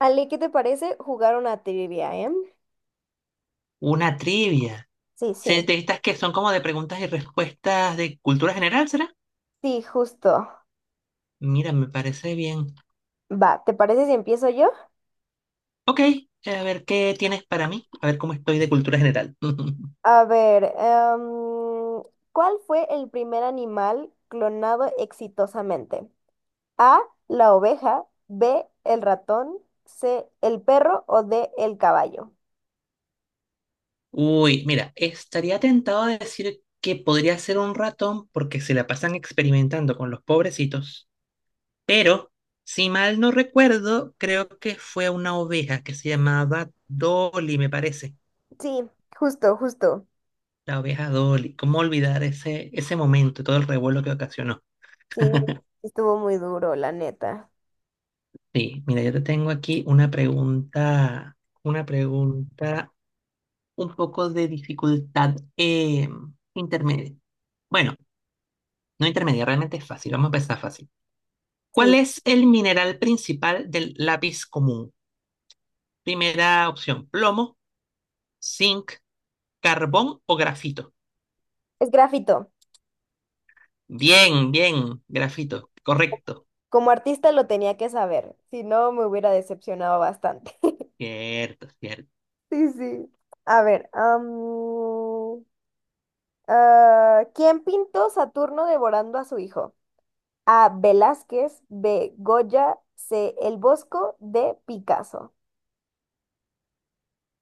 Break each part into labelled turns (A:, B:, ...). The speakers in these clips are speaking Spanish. A: Ale, ¿qué te parece jugar una trivia,
B: Una trivia.
A: Sí, sí.
B: De estas que son como de preguntas y respuestas de cultura general, ¿será?
A: Sí, justo.
B: Mira, me parece bien.
A: Va, ¿te parece si empiezo yo?
B: Ok, a ver qué tienes para mí, a ver cómo estoy de cultura general.
A: A ver, ¿cuál fue el primer animal clonado exitosamente? A, la oveja, B, el ratón, C, el perro o D, el caballo.
B: Uy, mira, estaría tentado de decir que podría ser un ratón porque se la pasan experimentando con los pobrecitos, pero si mal no recuerdo, creo que fue una oveja que se llamaba Dolly, me parece.
A: Sí, justo, justo.
B: La oveja Dolly. ¿Cómo olvidar ese momento y todo el revuelo que ocasionó?
A: Sí, estuvo muy duro, la neta.
B: Sí, mira, yo te tengo aquí una pregunta un poco de dificultad intermedia. Bueno, no intermedia, realmente es fácil, vamos a empezar fácil. ¿Cuál
A: Sí,
B: es el mineral principal del lápiz común? Primera opción, plomo, zinc, carbón o grafito.
A: es grafito.
B: Bien, bien, grafito, correcto.
A: Como artista lo tenía que saber, si no me hubiera decepcionado bastante.
B: Cierto, cierto.
A: Sí, sí. A ver, ¿quién pintó Saturno devorando a su hijo? A. Velázquez, B. Goya, C. El Bosco, D. Picasso.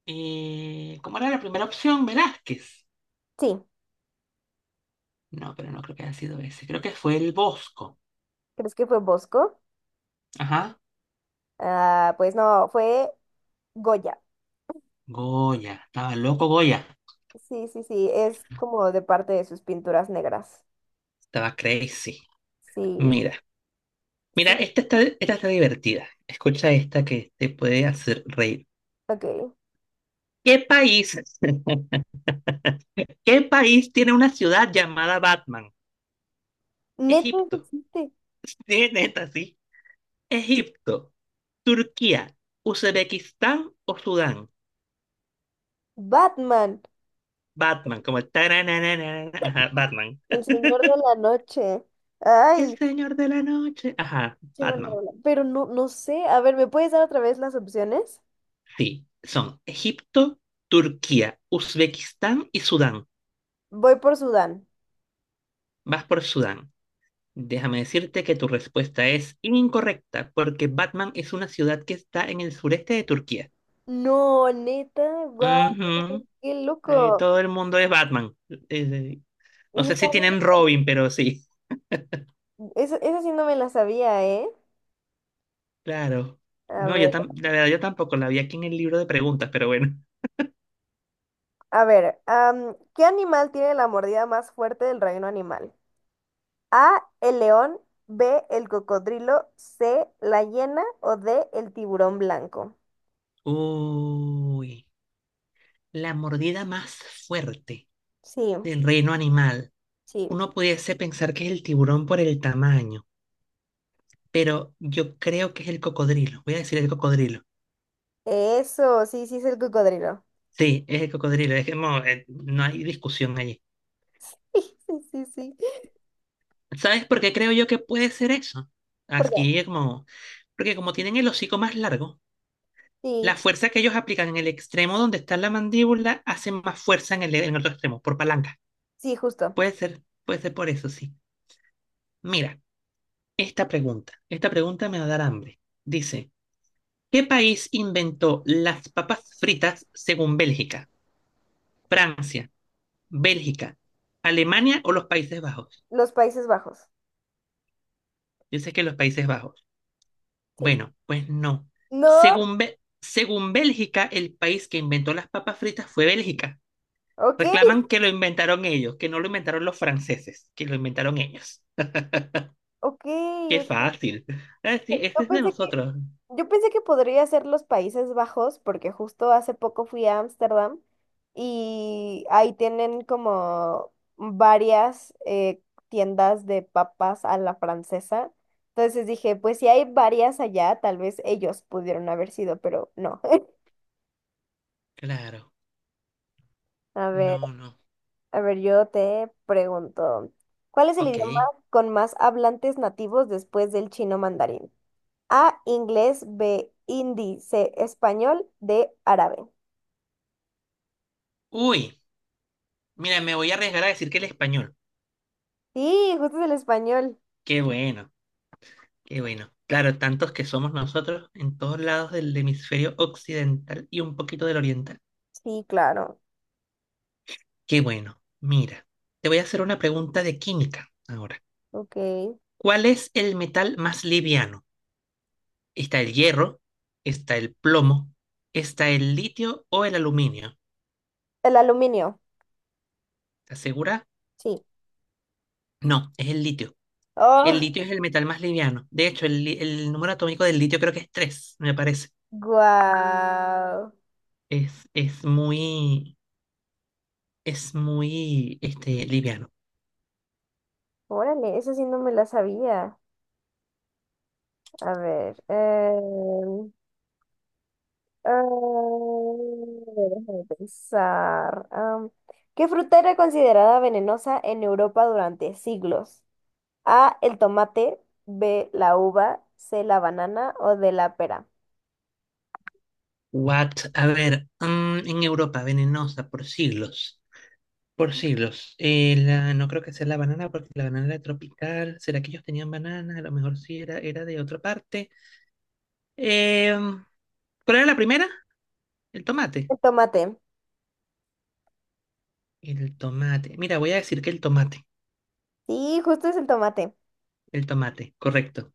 B: ¿Cómo era la primera opción? Velázquez.
A: Sí,
B: No, pero no creo que haya sido ese, creo que fue el Bosco.
A: ¿crees que fue Bosco?
B: Ajá.
A: Ah, pues no, fue Goya.
B: Goya, estaba loco Goya,
A: Sí, sí, sí, es como de parte de sus pinturas negras.
B: estaba crazy.
A: Sí,
B: Mira, mira,
A: sí,
B: esta está divertida. Escucha esta que te puede hacer reír.
A: ok.
B: ¿Qué país, qué país tiene una ciudad llamada Batman?
A: Neta, eso
B: Egipto.
A: existe.
B: Sí, neta, sí. Egipto, Turquía, Uzbekistán o Sudán.
A: Batman,
B: Batman, como tarananana, ajá, Batman.
A: el señor de la noche.
B: El
A: Ay,
B: señor de la noche. Ajá,
A: qué buena
B: Batman.
A: rola. Pero no, no sé. A ver, ¿me puedes dar otra vez las opciones?
B: Sí, son Egipto, Turquía, Uzbekistán y Sudán.
A: Voy por Sudán.
B: Vas por Sudán. Déjame decirte que tu respuesta es incorrecta, porque Batman es una ciudad que está en el sureste de Turquía.
A: No, neta, guau,
B: Ujú.
A: qué loco.
B: Todo el mundo es Batman. Eh, no
A: Eso
B: sé
A: está
B: si tienen Robin, pero sí.
A: bien. Eso sí no me la sabía, ¿eh?
B: Claro.
A: A
B: No,
A: ver,
B: la verdad yo tampoco la vi aquí en el libro de preguntas, pero bueno.
A: a ver, ¿qué animal tiene la mordida más fuerte del reino animal? A, el león, B, el cocodrilo, C, la hiena o D, el tiburón blanco.
B: Uy, la mordida más fuerte
A: Sí,
B: del reino animal.
A: sí.
B: Uno pudiese pensar que es el tiburón por el tamaño, pero yo creo que es el cocodrilo. Voy a decir el cocodrilo.
A: Eso, sí, sí es el cocodrilo.
B: Sí, es el cocodrilo, es que no hay discusión allí.
A: Sí, sí, sí.
B: ¿Sabes por qué creo yo que puede ser eso?
A: ¿Por qué?
B: Aquí es como, porque como tienen el hocico más largo,
A: Sí,
B: la fuerza que ellos aplican en el extremo donde está la mandíbula hace más fuerza en el otro extremo, por palanca.
A: sí, justo.
B: Puede ser por eso, sí. Mira, esta pregunta me va a dar hambre. Dice, ¿qué país inventó las papas fritas según Bélgica? Francia, Bélgica, Alemania o los Países Bajos?
A: Los Países Bajos.
B: Dice que los Países Bajos.
A: Sí.
B: Bueno, pues no.
A: No,
B: Según, según Bélgica, el país que inventó las papas fritas fue Bélgica.
A: ok,
B: Reclaman que lo inventaron ellos, que no lo inventaron los franceses, que lo inventaron ellos.
A: ok,
B: Qué
A: ok.
B: fácil. Ah, sí, ese
A: Yo
B: es de
A: pensé que,
B: nosotros.
A: yo pensé que podría ser los Países Bajos, porque justo hace poco fui a Ámsterdam y ahí tienen como varias tiendas de papas a la francesa. Entonces dije, pues si hay varias allá, tal vez ellos pudieron haber sido, pero no.
B: Claro.
A: A ver,
B: No, no.
A: a ver, yo te pregunto, ¿cuál es el idioma
B: Ok.
A: con más hablantes nativos después del chino mandarín? A, inglés, B, hindi, C, español, D, árabe.
B: Uy, mira, me voy a arriesgar a decir que el español.
A: Sí, justo es el español.
B: Qué bueno, qué bueno. Claro, tantos que somos nosotros en todos lados del hemisferio occidental y un poquito del oriental.
A: Sí, claro.
B: Qué bueno. Mira, te voy a hacer una pregunta de química ahora.
A: Ok. El
B: ¿Cuál es el metal más liviano? ¿Está el hierro? ¿Está el plomo? ¿Está el litio o el aluminio?
A: aluminio,
B: ¿Estás segura?
A: sí.
B: No, es el litio. El
A: Oh,
B: litio es el metal más liviano. De hecho, el número atómico del litio creo que es 3. Me parece.
A: guau.
B: Es, es muy, es muy, este, liviano.
A: Órale, eso sí no me la sabía. A ver. Em, déjame pensar. ¿Qué fruta era considerada venenosa en Europa durante siglos? A, el tomate, B, la uva, C, la banana o D, la pera.
B: What? A ver, mm, en Europa, venenosa por siglos. Por siglos. No creo que sea la banana porque la banana era tropical. ¿Será que ellos tenían banana? A lo mejor sí era, era de otra parte. Em, ¿Cuál era la primera? El tomate.
A: El tomate.
B: El tomate. Mira, voy a decir que el tomate.
A: Sí, justo es el tomate.
B: El tomate, correcto.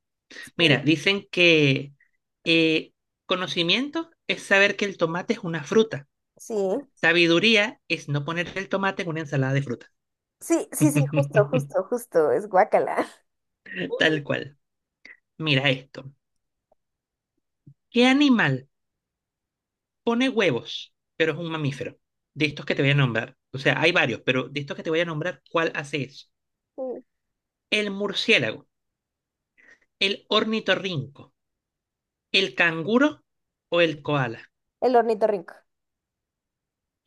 B: Mira,
A: Sí,
B: dicen que eh, conocimiento es saber que el tomate es una fruta.
A: sí.
B: Sabiduría es no poner el tomate en una ensalada de fruta.
A: Sí, sí, sí, justo, justo, justo. Es guacala.
B: Tal cual. Mira esto. ¿Qué animal pone huevos, pero es un mamífero? De estos que te voy a nombrar. O sea, hay varios, pero de estos que te voy a nombrar, ¿cuál hace eso?
A: Sí.
B: El murciélago, el ornitorrinco, ¿el canguro o el koala?
A: El ornitorrinco.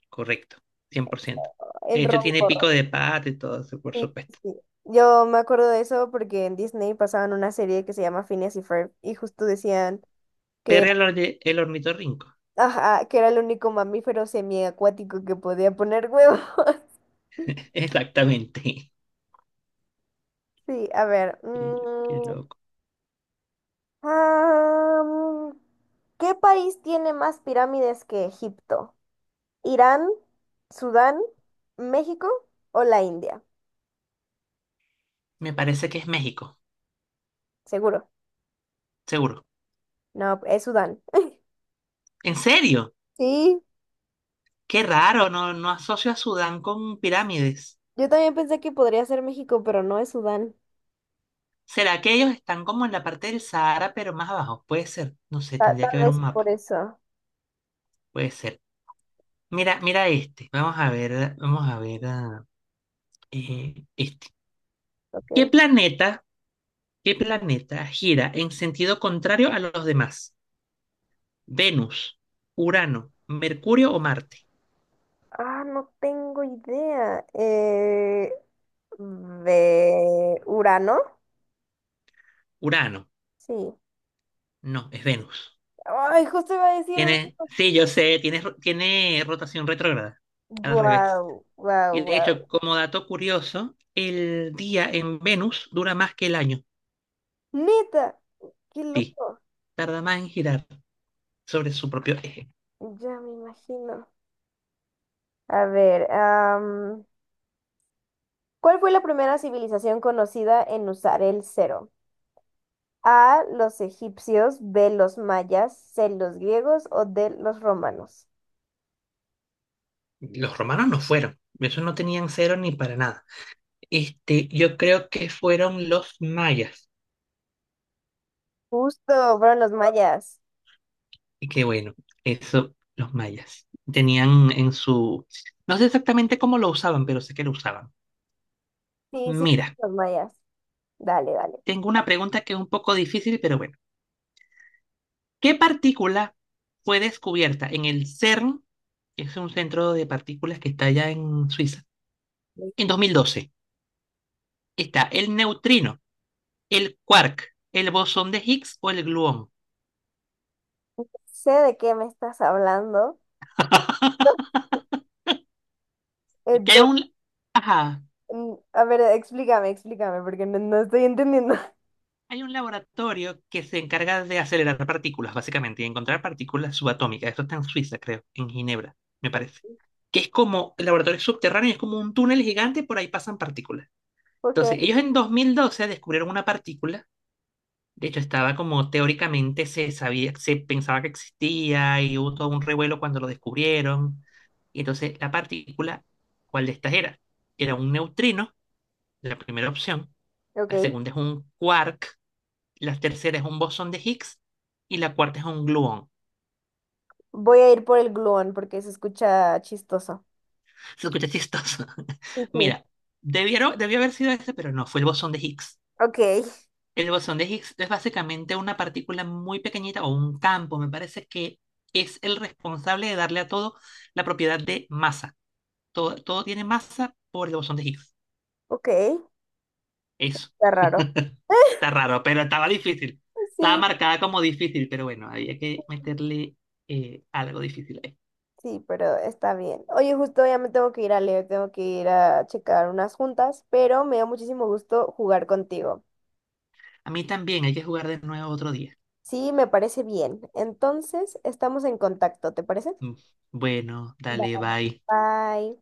B: Correcto, 100%.
A: El
B: De hecho, tiene pico
A: roncorro.
B: de pato y todo eso, por
A: Sí, sí.
B: supuesto.
A: Sí. Yo me acuerdo de eso porque en Disney pasaban una serie que se llama Phineas y Ferb y justo decían que
B: Pero
A: era,
B: el, el ornitorrinco.
A: ajá, que era el único mamífero semiacuático que podía poner huevo.
B: Exactamente.
A: Sí, a ver.
B: Qué, qué loco.
A: Ah, mm, ¿Qué país tiene más pirámides que Egipto? Irán, Sudán, México o la India.
B: Me parece que es México,
A: Seguro.
B: seguro.
A: No, es Sudán.
B: ¿En serio?
A: Sí,
B: Qué raro, no, no asocio a Sudán con pirámides.
A: yo también pensé que podría ser México, pero no es Sudán.
B: ¿Será que ellos están como en la parte del Sahara, pero más abajo? Puede ser. No sé,
A: Ta-
B: tendría que
A: tal
B: ver un
A: vez por
B: mapa.
A: eso.
B: Puede ser. Mira este. Vamos a ver este. ¿Qué
A: Ok.
B: planeta ¿Qué planeta gira en sentido contrario a los demás? Venus, Urano, Mercurio o Marte.
A: Ah, no tengo idea. ¿De Urano?
B: Urano,
A: Sí.
B: no, es Venus.
A: Ay, justo iba a decir Venus.
B: Tiene, sí, yo sé, tiene, tiene rotación retrógrada, al revés.
A: Guau, guau,
B: Y de
A: guau.
B: hecho, como dato curioso, el día en Venus dura más que el año.
A: Neta, qué
B: Sí,
A: loco.
B: tarda más en girar sobre su propio eje.
A: Ya me imagino. A ver, ¿cuál fue la primera civilización conocida en usar el cero? A, los egipcios, B, los mayas, C, los griegos o D, los romanos.
B: Los romanos no fueron, esos no tenían cero ni para nada. Este, yo creo que fueron los mayas.
A: Justo, fueron los mayas.
B: Y que bueno, eso los mayas tenían en su... No sé exactamente cómo lo usaban, pero sé que lo usaban.
A: Sí, sí,
B: Mira,
A: fueron los mayas. Dale, dale.
B: tengo una pregunta que es un poco difícil, pero bueno. ¿Qué partícula fue descubierta en el CERN, que es un centro de partículas que está allá en Suiza,
A: No
B: en 2012? Está el neutrino, el quark, el bosón de Higgs o el gluón.
A: sé de qué me estás hablando.
B: Que hay
A: Entonces,
B: un... Ajá,
A: a ver, explícame, porque no, no estoy entendiendo.
B: hay un laboratorio que se encarga de acelerar partículas, básicamente, y encontrar partículas subatómicas. Esto está en Suiza, creo, en Ginebra, me parece. Que es como el laboratorio es subterráneo, es como un túnel gigante, por ahí pasan partículas.
A: Ok,
B: Entonces, ellos en 2012 descubrieron una partícula. De hecho, estaba como teóricamente se sabía, se pensaba que existía y hubo todo un revuelo cuando lo descubrieron. Y entonces, la partícula, ¿cuál de estas era? Era un neutrino, la primera opción.
A: ok.
B: La segunda es un quark, la tercera es un bosón de Higgs y la cuarta es un gluón.
A: Voy a ir por el gluón porque se escucha chistoso.
B: Se escucha chistoso.
A: Sí, sí.
B: Mira, debió haber sido ese, pero no, fue el bosón de Higgs.
A: Ok,
B: El bosón de Higgs es básicamente una partícula muy pequeñita o un campo, me parece que es el responsable de darle a todo la propiedad de masa. Todo, todo tiene masa por el bosón de Higgs.
A: ok. Está
B: Eso.
A: raro.
B: Está raro, pero estaba difícil. Estaba
A: Sí.
B: marcada como difícil, pero bueno, había que meterle algo difícil ahí.
A: Sí, pero está bien. Oye, justo ya me tengo que ir a leer, tengo que ir a checar unas juntas, pero me dio muchísimo gusto jugar contigo.
B: A mí también hay que jugar de nuevo otro día.
A: Sí, me parece bien. Entonces, estamos en contacto, ¿te parece?
B: Mm, Bueno, dale,
A: Vale.
B: bye.
A: Bye.